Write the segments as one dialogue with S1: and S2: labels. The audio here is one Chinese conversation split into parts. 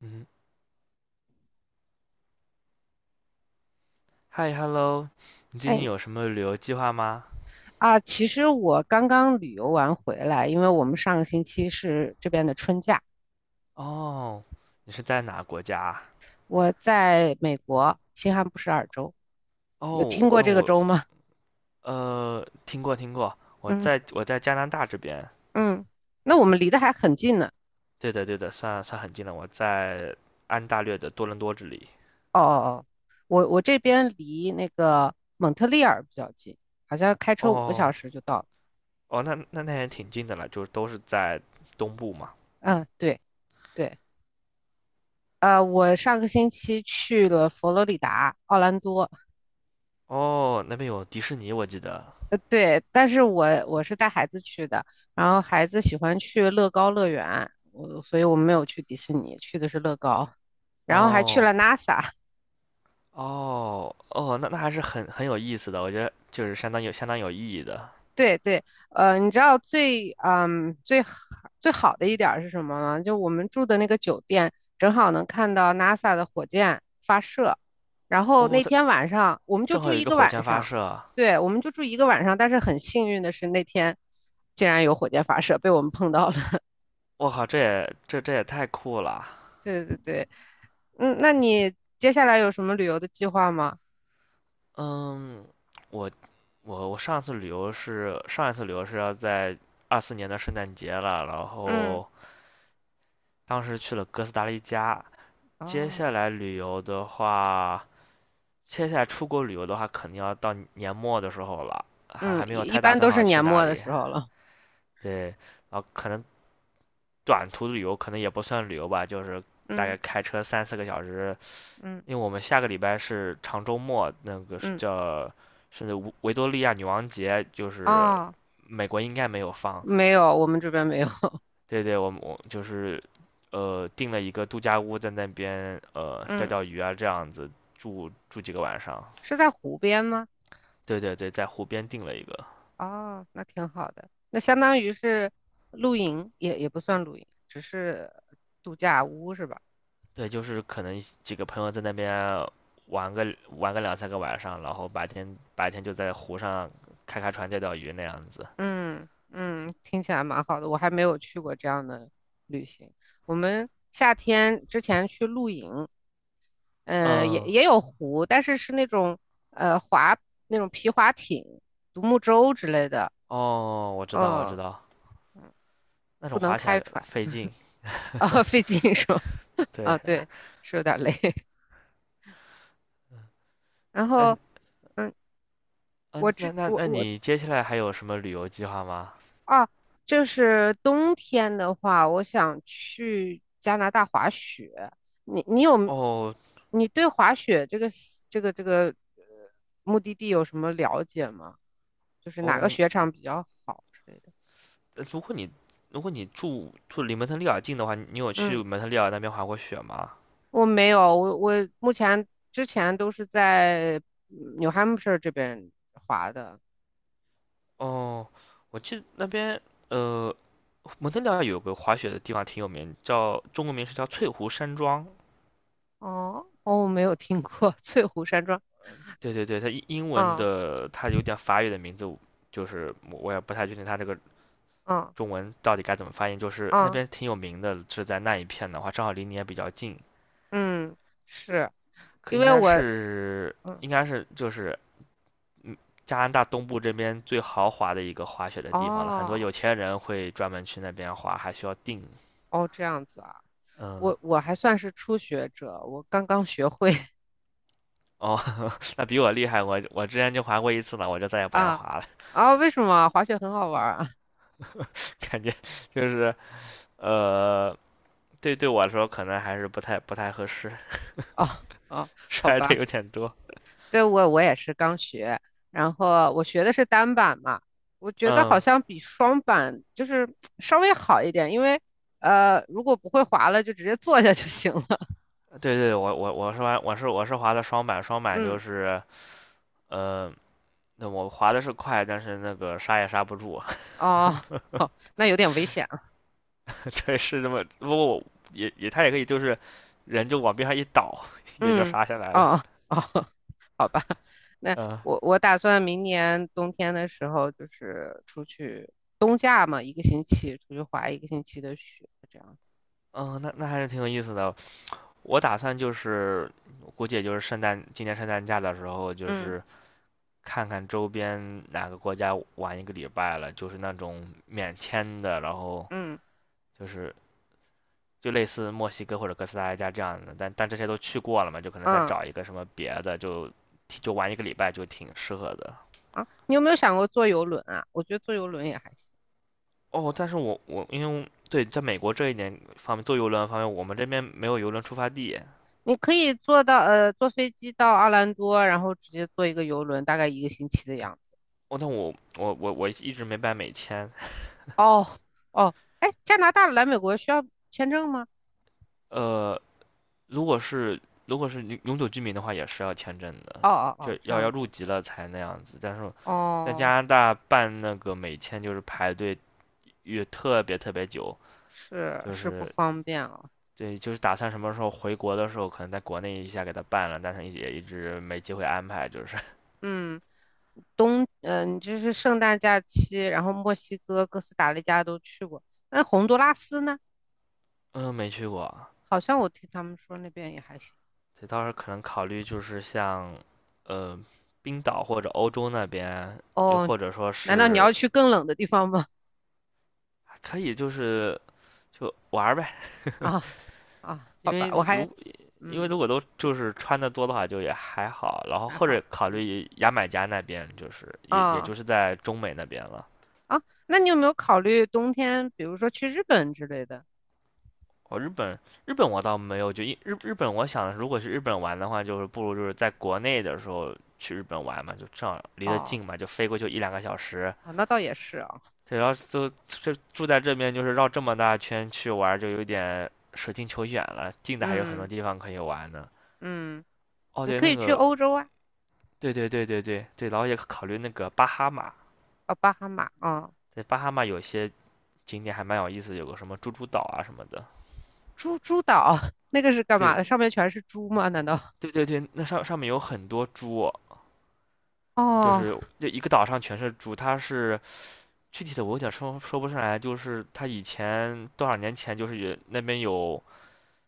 S1: 嗯，嗨，hello，你最近
S2: 哎
S1: 有什么旅游计划吗？
S2: 啊，其实我刚刚旅游完回来，因为我们上个星期是这边的春假。
S1: 哦，你是在哪国家啊。
S2: 我在美国新罕布什尔州，有
S1: 哦，
S2: 听过
S1: 那
S2: 这个
S1: 我
S2: 州吗？
S1: 听过听过，我
S2: 嗯
S1: 在我在加拿大这边。
S2: 嗯，那我们离得还很近呢。
S1: 对的对的，算算很近了，我在安大略的多伦多这里。
S2: 哦哦哦，我这边离那个蒙特利尔比较近，好像开车五个小
S1: 哦
S2: 时就到了。
S1: 哦，那也挺近的了，就是都是在东部嘛。
S2: 嗯，对对，我上个星期去了佛罗里达奥兰多。
S1: 哦，那边有迪士尼，我记得。
S2: 对，但是我是带孩子去的，然后孩子喜欢去乐高乐园，所以我们没有去迪士尼，去的是乐高，然后还去了
S1: 哦
S2: NASA
S1: 哦哦，那还是很有意思的，我觉得就是相当有意义的。
S2: 对对，你知道最好的一点儿是什么吗？就我们住的那个酒店，正好能看到 NASA 的火箭发射，然后
S1: 哦，
S2: 那
S1: 它
S2: 天晚上我们就
S1: 正
S2: 住
S1: 好有一
S2: 一
S1: 个
S2: 个
S1: 火
S2: 晚
S1: 箭发
S2: 上。
S1: 射。
S2: 对，我们就住一个晚上，但是很幸运的是那天竟然有火箭发射，被我们碰到了。
S1: 我靠，这也太酷了。
S2: 对对对。嗯，那你接下来有什么旅游的计划吗？
S1: 嗯，我我上一次旅游是要在24年的圣诞节了，然
S2: 嗯，
S1: 后当时去了哥斯达黎加。接
S2: 哦。
S1: 下来旅游的话，接下来出国旅游的话，肯定要到年末的时候了，还
S2: 嗯，
S1: 还没
S2: 一
S1: 有
S2: 一
S1: 太打
S2: 般
S1: 算
S2: 都是
S1: 好去
S2: 年
S1: 哪
S2: 末的
S1: 里。
S2: 时候了。
S1: 对，然后可能短途旅游可能也不算旅游吧，就是大
S2: 嗯
S1: 概开车三四个小时。
S2: 嗯
S1: 因为我们下个礼拜是长周末，那个
S2: 嗯，
S1: 叫甚至维多利亚女王节，就是
S2: 哦，
S1: 美国应该没有放。
S2: 没有，我们这边没有。
S1: 对对，我就是订了一个度假屋，在那边钓
S2: 嗯，
S1: 钓鱼啊这样子住住几个晚上。
S2: 是在湖边吗？
S1: 对对对，在湖边订了一个。
S2: 哦，那挺好的，那相当于是露营，也不算露营，只是度假屋是吧？
S1: 对，就是可能几个朋友在那边玩个玩个两三个晚上，然后白天就在湖上开开船钓钓鱼那样子。
S2: 嗯嗯，听起来蛮好的，我还没有去过这样的旅行。我们夏天之前去露营，也
S1: 嗯，
S2: 也有湖，但是是那种呃滑那种皮划艇、独木舟之类的。
S1: 哦，我知道我知
S2: 嗯，
S1: 道。那
S2: 不
S1: 种
S2: 能
S1: 滑起
S2: 开
S1: 来
S2: 船
S1: 费劲。
S2: 啊，费劲是吧？
S1: 对。
S2: 啊，对，是有点累。然后，
S1: 嗯
S2: 嗯，我
S1: 嗯，
S2: 这
S1: 那那
S2: 我
S1: 那
S2: 我
S1: 你接下来还有什么旅游计划吗？
S2: 啊，就是冬天的话，我想去加拿大滑雪。你你有
S1: 哦
S2: 你对滑雪这个呃目的地有什么了解吗？就是哪个
S1: 哦，
S2: 雪场比较好之类的？
S1: 呃如果你如果你住离蒙特利尔近的话，你有去
S2: 嗯。
S1: 蒙特利尔那边滑过雪吗？
S2: 我没有，我目前之前都是在New Hampshire 这边滑的。
S1: 哦，我记得那边呃，蒙特利尔有个滑雪的地方挺有名，叫中文名是叫翠湖山庄。
S2: 哦哦，我没有听过翠湖山庄。
S1: 对对对，它英文
S2: 嗯
S1: 的，它有点法语的名字，就是我也不太确定它这个
S2: 嗯
S1: 中文到底该怎么发音？就是那
S2: 嗯
S1: 边挺有名的，是在那一片的话，正好离你也比较近，
S2: 嗯。是
S1: 可
S2: 因
S1: 应
S2: 为
S1: 该
S2: 我。
S1: 是
S2: 嗯，
S1: 应该是就是嗯加拿大东部这边最豪华的一个滑雪的地方了，很多
S2: 哦
S1: 有钱人会专门去那边滑，还需要订，
S2: 哦，这样子啊。
S1: 嗯。
S2: 我还算是初学者，我刚刚学会。
S1: 哦，那比我厉害，我之前就滑过一次呢，我就再也 不想
S2: 啊
S1: 滑了。
S2: 啊，为什么滑雪很好玩儿啊？
S1: 感觉就是呃，对，对我来说可能还是不太合适。
S2: 哦哦，好
S1: 摔的
S2: 吧。
S1: 有点多。
S2: 对，我也是刚学，然后我学的是单板嘛，我觉得好
S1: 嗯，
S2: 像比双板就是 稍微好一点，因为如果不会滑了，就直接坐下就行了。
S1: 对对，我我我是玩我是我是滑的双板，就
S2: 嗯，
S1: 是呃，那我滑的是快，但是那个刹也刹不住。
S2: 哦，好，那有点危险啊。
S1: 对，是这么，不过他也可以就是人就往边上一倒，也就
S2: 嗯，
S1: 刹下来了。
S2: 哦哦，好吧，那
S1: 嗯
S2: 我打算明年冬天的时候就是出去。冬假嘛，一个星期出去滑一个星期的雪，这样子。
S1: 嗯，那还是挺有意思的。我打算就是估计也就是今年圣诞假的时候，就
S2: 嗯
S1: 是看看周边哪个国家玩一个礼拜了，就是那种免签的，然后
S2: 嗯。
S1: 就是就类似墨西哥或者哥斯达黎加这样的，但这些都去过了嘛，就可能再
S2: 嗯，
S1: 找一个什么别的，就玩一个礼拜就挺适合的。
S2: 啊，你有没有想过坐游轮啊？我觉得坐游轮也还行，
S1: 哦，但是我因为对在美国这一点方面坐游轮方面，我们这边没有游轮出发地。
S2: 你可以坐飞机到奥兰多，然后直接坐一个游轮，大概一个星期的样子。
S1: 哦，但我一直没办美签。
S2: 哦哦。哎，加拿大来美国需要签证吗？
S1: 呃，如果是如果是永久居民的话，也是要签证的，
S2: 哦哦
S1: 就
S2: 哦，这
S1: 要
S2: 样
S1: 要入
S2: 子。
S1: 籍了才那样子。但是在加
S2: 哦，
S1: 拿大办那个美签就是排队也特别特别久，
S2: 是
S1: 就
S2: 是不
S1: 是
S2: 方便哦。
S1: 对，就是打算什么时候回国的时候，可能在国内一下给他办了，但是也一直没机会安排，就是
S2: 嗯，你就是圣诞假期，然后墨西哥、哥斯达黎加都去过，那洪都拉斯呢？
S1: 嗯没去过。
S2: 好像我听他们说那边也还行。
S1: 所以到时候可能考虑就是像呃冰岛或者欧洲那边，又
S2: 哦，
S1: 或者说
S2: 难道你
S1: 是
S2: 要去更冷的地方吗？
S1: 可以就是就玩儿呗。
S2: 啊啊，
S1: 因
S2: 好
S1: 为
S2: 吧，我还
S1: 如因为
S2: 嗯
S1: 如果都就是穿的多的话，就也还好，然后
S2: 还
S1: 或
S2: 好。
S1: 者考
S2: 嗯，
S1: 虑牙买加那边，就是也
S2: 啊
S1: 就是在中美那边了。
S2: 啊，那你有没有考虑冬天，比如说去日本之类的？
S1: 哦，日本，日本我倒没有，就日本，我想如果去日本玩的话，就是不如就是在国内的时候去日本玩嘛，就正好离得
S2: 哦，
S1: 近嘛，就飞过去一两个小时。
S2: 啊，那倒也是啊。
S1: 对，然后就这住在这边，就是绕这么大圈去玩，就有点舍近求远了。近的还有很多
S2: 嗯
S1: 地方可以玩呢。
S2: 嗯，
S1: 哦，
S2: 你
S1: 对，
S2: 可
S1: 那
S2: 以去
S1: 个，
S2: 欧洲啊。
S1: 对对对对对对，然后也考虑那个巴哈马，
S2: 啊，巴哈马啊，
S1: 对，巴哈马有些景点还蛮有意思，有个什么猪猪岛啊什么的。
S2: 猪猪岛 那个是干嘛
S1: 对
S2: 的？上面全是猪吗？难道？
S1: 对对对，那上面有很多猪，就是
S2: 哦，
S1: 这一个岛上全是猪，它是具体的我有点说不上来，就是它以前多少年前就是有那边有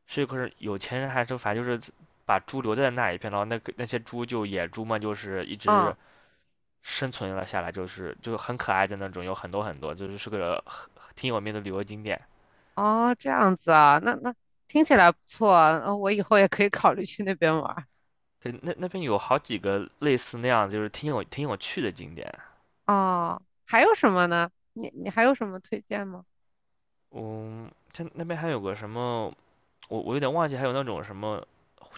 S1: 是可是有钱人还是反正就是把猪留在那一片，然后那些猪就野猪嘛，就是一直
S2: 啊，
S1: 生存了下来，就是就很可爱的那种，有很多很多，就是个挺有名的旅游景点。
S2: 哦，这样子啊，那听起来不错啊。我以后也可以考虑去那边玩儿。
S1: 对，那边有好几个类似那样，就是挺有趣的景点。
S2: 哦，还有什么呢？你还有什么推荐吗？
S1: 嗯，它那边还有个什么，我有点忘记，还有那种什么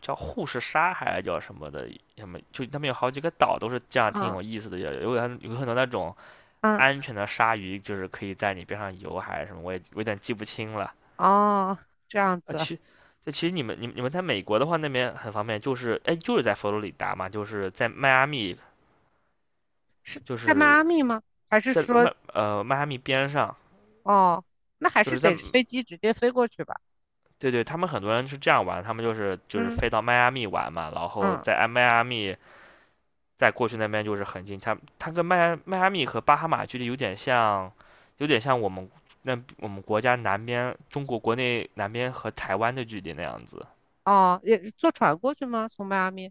S1: 叫护士鲨还是叫什么的，什么就他们有好几个岛都是这样，挺
S2: 啊
S1: 有意思的，有有很有很多那种
S2: 啊。
S1: 安
S2: 嗯，
S1: 全的鲨鱼，就是可以在你边上游还是什么，我有点记不清了
S2: 哦，这样
S1: 啊。
S2: 子。
S1: 其实你们在美国的话，那边很方便，就是在佛罗里达嘛，就是在迈阿密，就
S2: 在迈阿
S1: 是
S2: 密吗？还是
S1: 在
S2: 说，
S1: 迈阿密边上，
S2: 哦，那还
S1: 就
S2: 是
S1: 是在
S2: 得飞机直接飞过去吧？
S1: 对对，他们很多人是这样玩，他们就是
S2: 嗯
S1: 飞到迈阿密玩嘛，然后
S2: 嗯。
S1: 在迈阿密在过去那边就是很近，它跟迈阿密和巴哈马距离有点像，有点像我们国家南边中国国内南边和台湾的距离那样子。
S2: 哦，也是坐船过去吗？从迈阿密？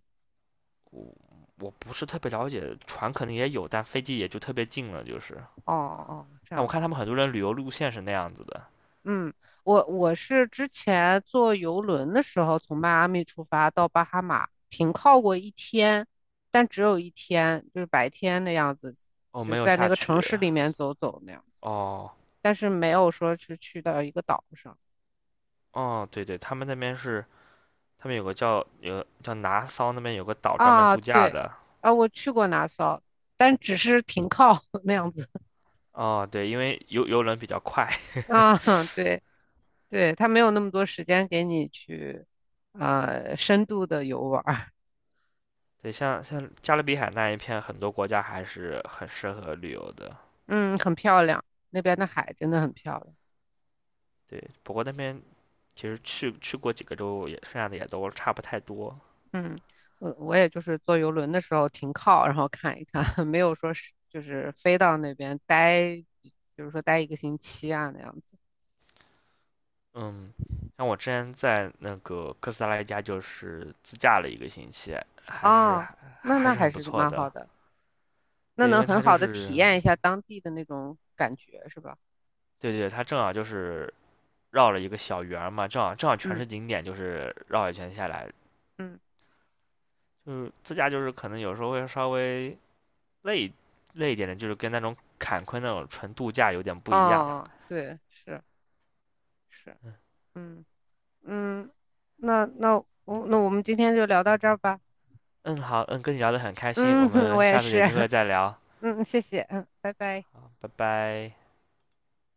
S1: 我不是特别了解，船可能也有，但飞机也就特别近了，就是。
S2: 哦哦，这
S1: 但我
S2: 样
S1: 看
S2: 子。
S1: 他们很多人旅游路线是那样子的。
S2: 嗯，我是之前坐游轮的时候，从迈阿密出发到巴哈马，停靠过一天，但只有一天，就是白天的样子，
S1: 哦，
S2: 就
S1: 没有
S2: 在那
S1: 下
S2: 个
S1: 去。
S2: 城市里面走走那样，
S1: 哦
S2: 但是没有说是去到一个岛上。
S1: 哦，对对，他们那边是他们有个叫拿骚那边有个岛专门
S2: 啊，
S1: 度假
S2: 对，
S1: 的。
S2: 啊，我去过拿骚，但只是停靠。 那样子
S1: 哦，对，因为游轮比较快。
S2: 啊，对对，他没有那么多时间给你去，深度的游玩儿。
S1: 对，像加勒比海那一片，很多国家还是很适合旅游的。
S2: 嗯，很漂亮，那边的海真的很漂亮。
S1: 对，不过那边其实去过几个州也，剩下的也都差不太多。
S2: 嗯，我也就是坐游轮的时候停靠，然后看一看。没有说是就是飞到那边待，比如说待一个星期啊那样子。
S1: 嗯，像我之前在那个哥斯达黎加就是自驾了一个星期，还是
S2: 啊，
S1: 还
S2: 那
S1: 还
S2: 那
S1: 是
S2: 还
S1: 很不
S2: 是
S1: 错
S2: 蛮好
S1: 的。
S2: 的，那
S1: 对，因
S2: 能
S1: 为
S2: 很
S1: 它就
S2: 好的体
S1: 是，
S2: 验一下当地的那种感觉，是吧？
S1: 对对，它正好就是绕了一个小圆儿嘛，正好正好全
S2: 嗯。
S1: 是景点，就是绕一圈下来，
S2: 嗯，
S1: 就是自驾就是可能有时候会稍微累累一点的，就是跟那种坎昆那种纯度假有点不一样。
S2: 啊，对，是是，
S1: 嗯
S2: 嗯嗯，那那那我们今天就聊到这儿吧。
S1: 嗯，好，嗯，跟你聊得很开心，我
S2: 嗯，我
S1: 们
S2: 也
S1: 下次
S2: 是。
S1: 有机会 再聊，
S2: 嗯，谢谢。嗯，拜拜。
S1: 好，拜拜。